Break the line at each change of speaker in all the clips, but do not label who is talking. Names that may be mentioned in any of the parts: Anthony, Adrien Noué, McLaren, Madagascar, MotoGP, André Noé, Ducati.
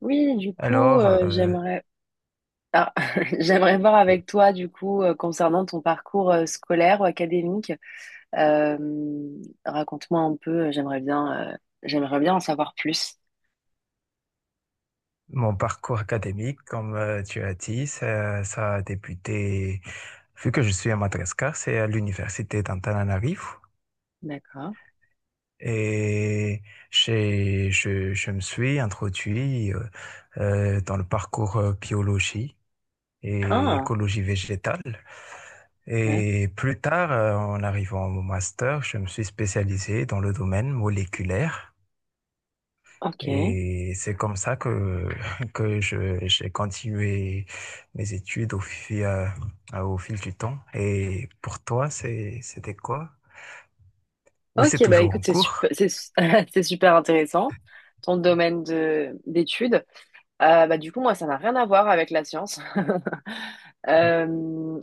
Oui, du coup,
Alors, euh,
ah, j'aimerais voir avec toi, du coup, concernant ton parcours scolaire ou académique. Euh, Raconte-moi un peu, j'aimerais bien, j'aimerais bien en savoir plus.
Mon parcours académique, comme tu as dit, ça a débuté, vu que je suis à Madagascar, c'est à l'université d'Antananarivo.
D'accord.
Et je me suis introduit dans le parcours biologie et
Ah,
écologie végétale.
ouais.
Et plus tard, en arrivant au master, je me suis spécialisé dans le domaine moléculaire.
Ok.
Et c'est comme ça que, j'ai continué mes études au fil du temps. Et pour toi, c'était quoi? Ou c'est
Ok, bah
toujours
écoute,
en
c'est super,
cours?
c'est super intéressant, ton domaine de d'études. Bah, du coup, moi, ça n'a rien à voir avec la science.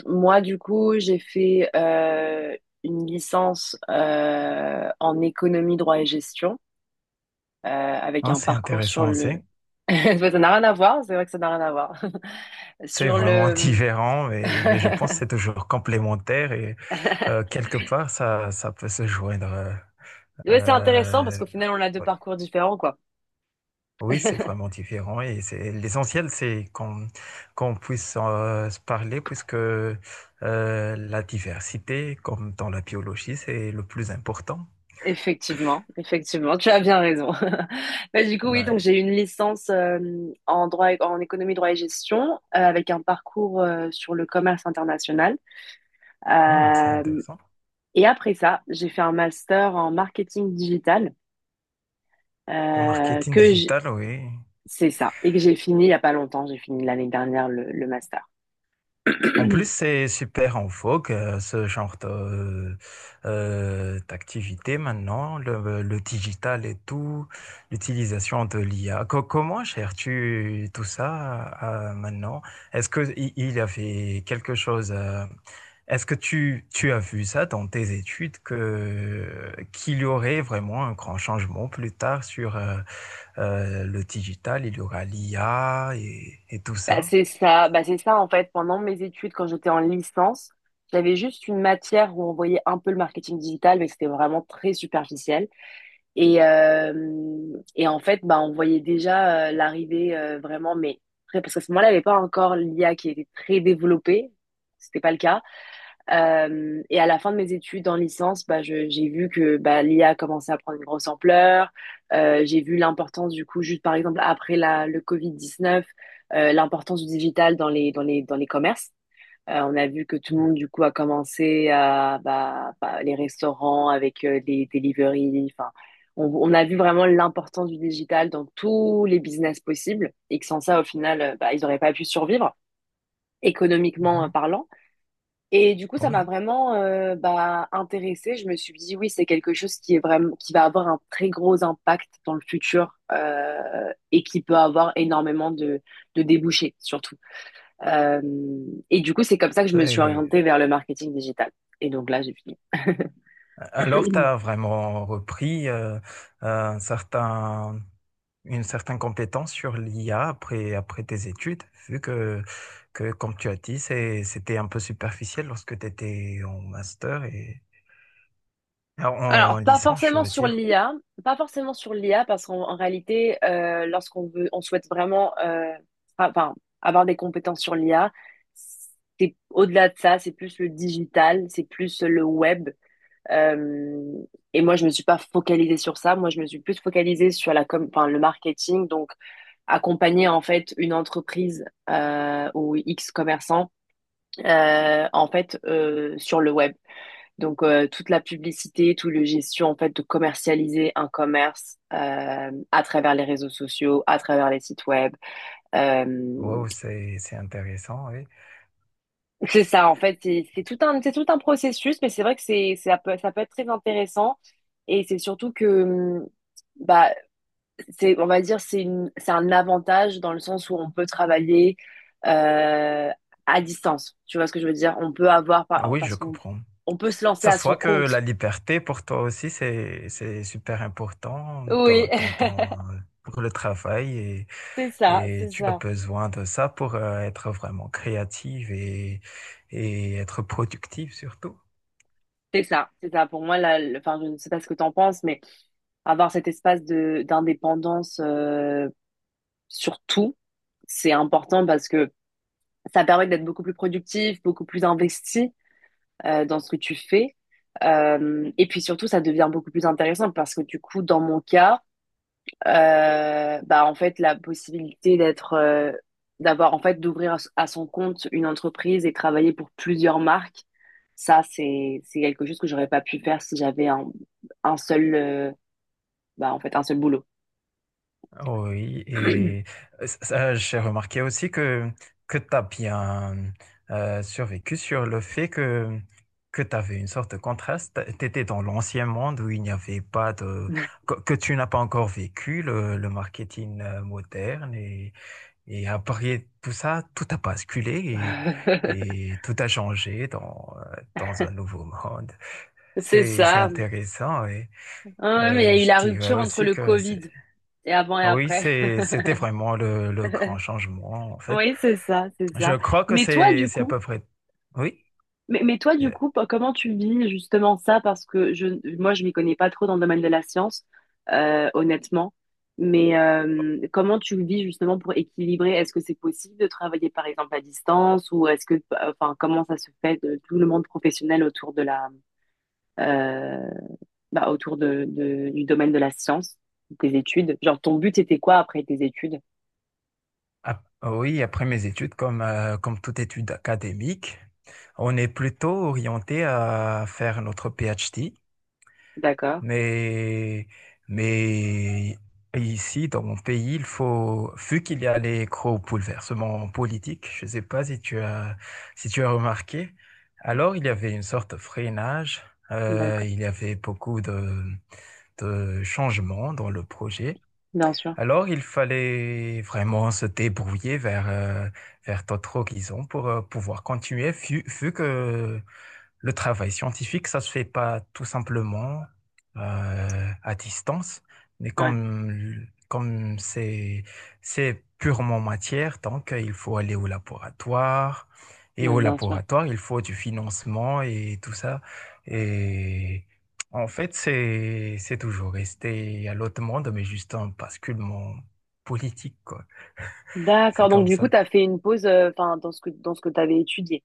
Moi, du coup, j'ai fait une licence en économie, droit et gestion, avec
Hein,
un
c'est
parcours sur
intéressant aussi.
le... Ça n'a rien à voir, c'est vrai que ça n'a rien à voir.
C'est
Sur
vraiment
le...
différent, mais je pense que c'est toujours complémentaire et quelque part, ça peut se joindre.
Ouais, c'est intéressant parce
euh,
qu'au final, on a deux parcours différents, quoi.
Oui, c'est vraiment différent et c'est l'essentiel, c'est qu'on puisse se parler puisque la diversité, comme dans la biologie, c'est le plus important.
Effectivement, effectivement, tu as bien raison. Bah, du coup, oui, donc
Ouais.
j'ai eu une licence en économie, droit et gestion, avec un parcours sur le commerce international.
Hmm, c'est
Euh,
intéressant.
Et après ça, j'ai fait un master en marketing digital
Le
euh,
marketing
que j'-
digital, oui.
c'est ça et que j'ai fini il y a pas longtemps. J'ai fini l'année dernière le master.
En plus, c'est super en vogue, ce genre de, d'activité maintenant, le digital et tout, l'utilisation de l'IA. Comment gères-tu tout ça maintenant? Est-ce que il y avait quelque chose, est-ce que tu as vu ça dans tes études que, qu'il y aurait vraiment un grand changement plus tard sur le digital, il y aura l'IA et tout ça?
Bah, c'est ça en fait. Pendant mes études, quand j'étais en licence, j'avais juste une matière où on voyait un peu le marketing digital, mais c'était vraiment très superficiel. Et en fait, bah, on voyait déjà l'arrivée vraiment, mais très, parce qu'à ce moment-là, il n'y avait pas encore l'IA qui était très développée. C'était pas le cas. Et à la fin de mes études en licence, bah, j'ai vu que bah, l'IA commençait à prendre une grosse ampleur. J'ai vu l'importance du coup, juste par exemple après le Covid-19, l'importance du digital dans les commerces. On a vu que tout le monde, du coup, a commencé à bah, les restaurants avec les deliveries. Enfin, on, on a vu vraiment l'importance du digital dans tous les business possibles et que sans ça, au final, bah, ils n'auraient pas pu survivre économiquement
Mhm.
parlant. Et du coup, ça m'a vraiment bah, intéressée. Je me suis dit, oui, c'est quelque chose qui est vraiment, qui va avoir un très gros impact dans le futur et qui peut avoir énormément de débouchés, surtout. Euh, et du coup, c'est comme ça que je me suis
Oui.
orientée vers le marketing digital. Et donc là, j'ai fini.
Alors, tu as vraiment repris un certain, une certaine compétence sur l'IA après, après tes études, vu que comme tu as dit, c'était un peu superficiel lorsque tu étais en master et en, en
Alors, pas
licence, je
forcément
veux
sur
dire.
l'IA, pas forcément sur l'IA, parce qu'en en réalité, lorsqu'on veut, on souhaite vraiment, enfin, avoir des compétences sur l'IA, c'est au-delà de ça, c'est plus le digital, c'est plus le web. Euh, et moi, je me suis pas focalisée sur ça. Moi, je me suis plus focalisée sur la com, enfin, le marketing. Donc, accompagner en fait une entreprise ou X commerçant en fait sur le web. Donc toute la publicité, tout le gestion en fait de commercialiser un commerce à travers les réseaux sociaux, à travers les sites web. Euh,
Wow, c'est intéressant, oui.
C'est
C'est-
ça, en fait, c'est tout un processus, mais c'est vrai que c'est ça peut être très intéressant. Et c'est surtout que, bah, c'est, on va dire, c'est un avantage dans le sens où on peut travailler euh, à distance. Tu vois ce que je veux dire? On peut avoir, par-
Oui,
Parce
je
qu'on
comprends.
on peut se lancer
Ça
à
se
son
voit que la
compte.
liberté pour toi aussi, c'est super important
Oui,
dans, pour le travail
c'est ça,
et
c'est
tu as
ça.
besoin de ça pour être vraiment créative et être productive surtout.
C'est ça, c'est ça. Pour moi, là, enfin, je ne sais pas ce que tu en penses, mais avoir cet espace de d'indépendance sur tout, c'est important parce que ça permet d'être beaucoup plus productif, beaucoup plus investi dans ce que tu fais. Et puis surtout, ça devient beaucoup plus intéressant parce que du coup, dans mon cas, bah en fait, la possibilité d'avoir en fait d'ouvrir à son compte une entreprise et travailler pour plusieurs marques, ça c'est quelque chose que j'aurais pas pu faire si j'avais un seul, bah en fait un seul boulot.
Oui, et ça, j'ai remarqué aussi que tu as bien survécu sur le fait que tu avais une sorte de contraste. Tu étais dans l'ancien monde où il n'y avait pas de... que tu n'as pas encore vécu le marketing moderne. Et après tout ça, tout a basculé et tout a changé dans, dans un nouveau monde.
C'est
C'est
ça.
intéressant. Et,
Ah ouais, mais il y a eu
je
la
dirais
rupture entre
aussi
le
que
Covid et avant et après.
c'était vraiment le grand changement, en fait.
Oui, c'est ça, c'est
Je
ça.
crois que
Mais toi, du
c'est à
coup,
peu près, oui, euh,
comment tu vis justement ça? Parce que moi, je m'y connais pas trop dans le domaine de la science, honnêtement. Mais comment tu le vis justement pour équilibrer? Est-ce que c'est possible de travailler par exemple à distance ou est-ce que, enfin, comment ça se fait de tout le monde professionnel euh, autour du domaine de la science, de tes études? Genre, ton but c'était quoi après tes études?
oui, après mes études, comme toute étude académique, on est plutôt orienté à faire notre PhD.
D'accord,
Mais, mais ici, dans mon pays, il faut, vu qu'il y a les gros bouleversements politiques, je ne sais pas si tu as, si tu as remarqué, alors il y avait une sorte de freinage,
d'accord,
il y avait beaucoup de changements dans le projet.
bien sûr.
Alors il fallait vraiment se débrouiller vers, vers d'autres horizons pour pouvoir continuer, vu, vu que le travail scientifique, ça se fait pas tout simplement à distance, mais
Ouais,
comme c'est purement matière, donc il faut aller au laboratoire et
ouais,
au
bien sûr.
laboratoire il faut du financement et tout ça. Et en fait, c'est toujours resté à l'autre monde, mais juste un basculement politique quoi. C'est
D'accord. Donc,
comme
du coup,
ça.
tu as fait une pause enfin, dans ce que tu avais étudié,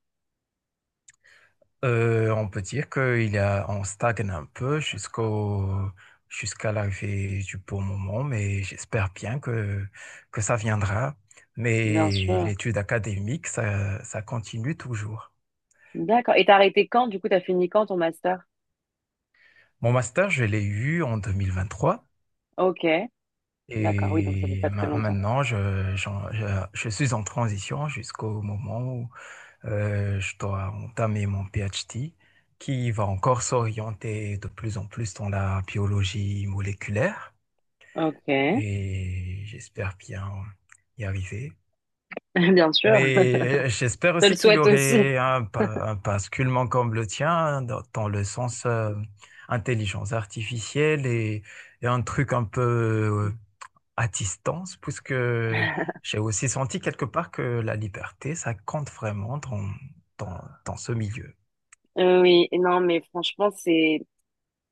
On peut dire qu'il a, on stagne un peu jusqu'au, jusqu'à l'arrivée du bon moment, mais j'espère bien que ça viendra.
bien
Mais
sûr.
l'étude académique, ça continue toujours.
D'accord. Et t'as arrêté quand? Du coup, t'as fini quand ton master?
Mon master, je l'ai eu en 2023
Ok. D'accord. Oui, donc ça fait
et
pas très
ma-
longtemps.
maintenant, je, j'en- je suis en transition jusqu'au moment où je dois entamer mon PhD qui va encore s'orienter de plus en plus dans la biologie moléculaire.
Ok.
Et j'espère bien y arriver.
Bien sûr. Je
Mais j'espère
te le
aussi qu'il
souhaite aussi.
aurait un, un basculement comme le tien hein, dans le sens intelligence artificielle et un truc un peu euh, à distance, puisque j'ai aussi senti quelque part que la liberté, ça compte vraiment dans ce milieu.
Oui. Et non, mais franchement, c'est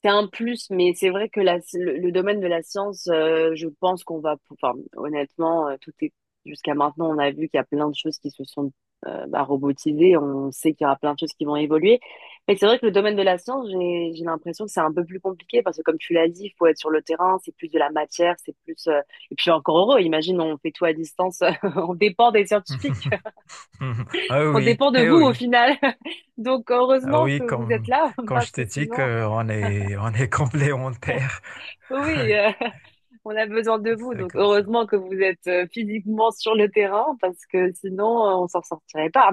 C'est un plus, mais c'est vrai que le domaine de la science, je pense qu'enfin, honnêtement, tout est, jusqu'à maintenant, on a vu qu'il y a plein de choses qui se sont bah, robotisées, on sait qu'il y aura plein de choses qui vont évoluer, mais c'est vrai que le domaine de la science, j'ai l'impression que c'est un peu plus compliqué, parce que comme tu l'as dit, il faut être sur le terrain, c'est plus de la matière, c'est plus, et puis encore heureux, imagine, on fait tout à distance, on dépend des scientifiques,
Ah
on
oui,
dépend de
eh
vous au
oui.
final, donc
Ah
heureusement que
oui,
vous êtes
comme,
là,
quand je
parce que
t'ai dit
sinon,
on est complémentaires.
oui, oui, on a besoin de vous,
C'est
donc
comme ça.
heureusement que vous êtes physiquement sur le terrain parce que sinon on s'en sortirait pas.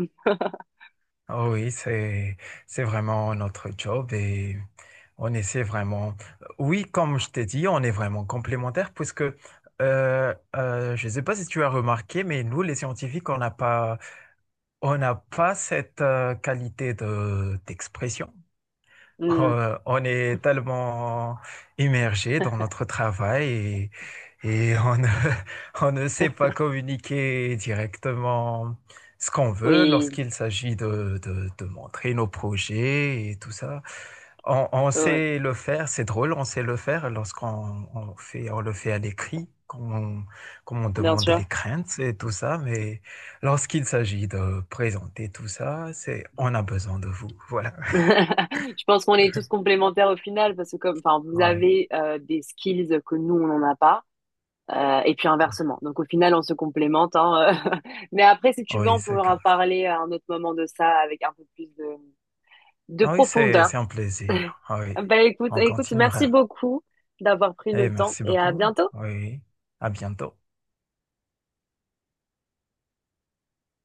Ah oui, c'est vraiment notre job et on essaie vraiment. Oui, comme je t'ai dit, on est vraiment complémentaires puisque je ne sais pas si tu as remarqué, mais nous, les scientifiques, on n'a pas cette qualité de d'expression.
Hmm,
On est tellement immergé dans notre travail et on ne, on ne sait pas communiquer directement ce qu'on veut
oui,
lorsqu'il s'agit de montrer nos projets et tout ça. On
ouais, ouais.
sait le faire, c'est drôle, on sait le faire lorsqu'on on fait, on le fait à l'écrit, quand on, quand on
Bien
demande
sûr.
les craintes et tout ça, mais lorsqu'il s'agit de présenter tout ça, c'est, on a besoin de vous. Voilà.
Je pense qu'on est tous complémentaires au final parce que comme, enfin, vous
Ouais.
avez des skills que nous on n'en a pas. Et puis inversement. Donc au final, on se complémente, hein. Mais après, si tu veux,
Oui,
on
c'est
pourra
comme ça.
parler à un autre moment de ça avec un peu plus de
Ah oui,
profondeur.
c'est un plaisir. Ah oui,
Bah écoute,
on
écoute, merci
continuera.
beaucoup d'avoir pris
Et
le temps
merci
et à
beaucoup.
bientôt.
Oui, à bientôt.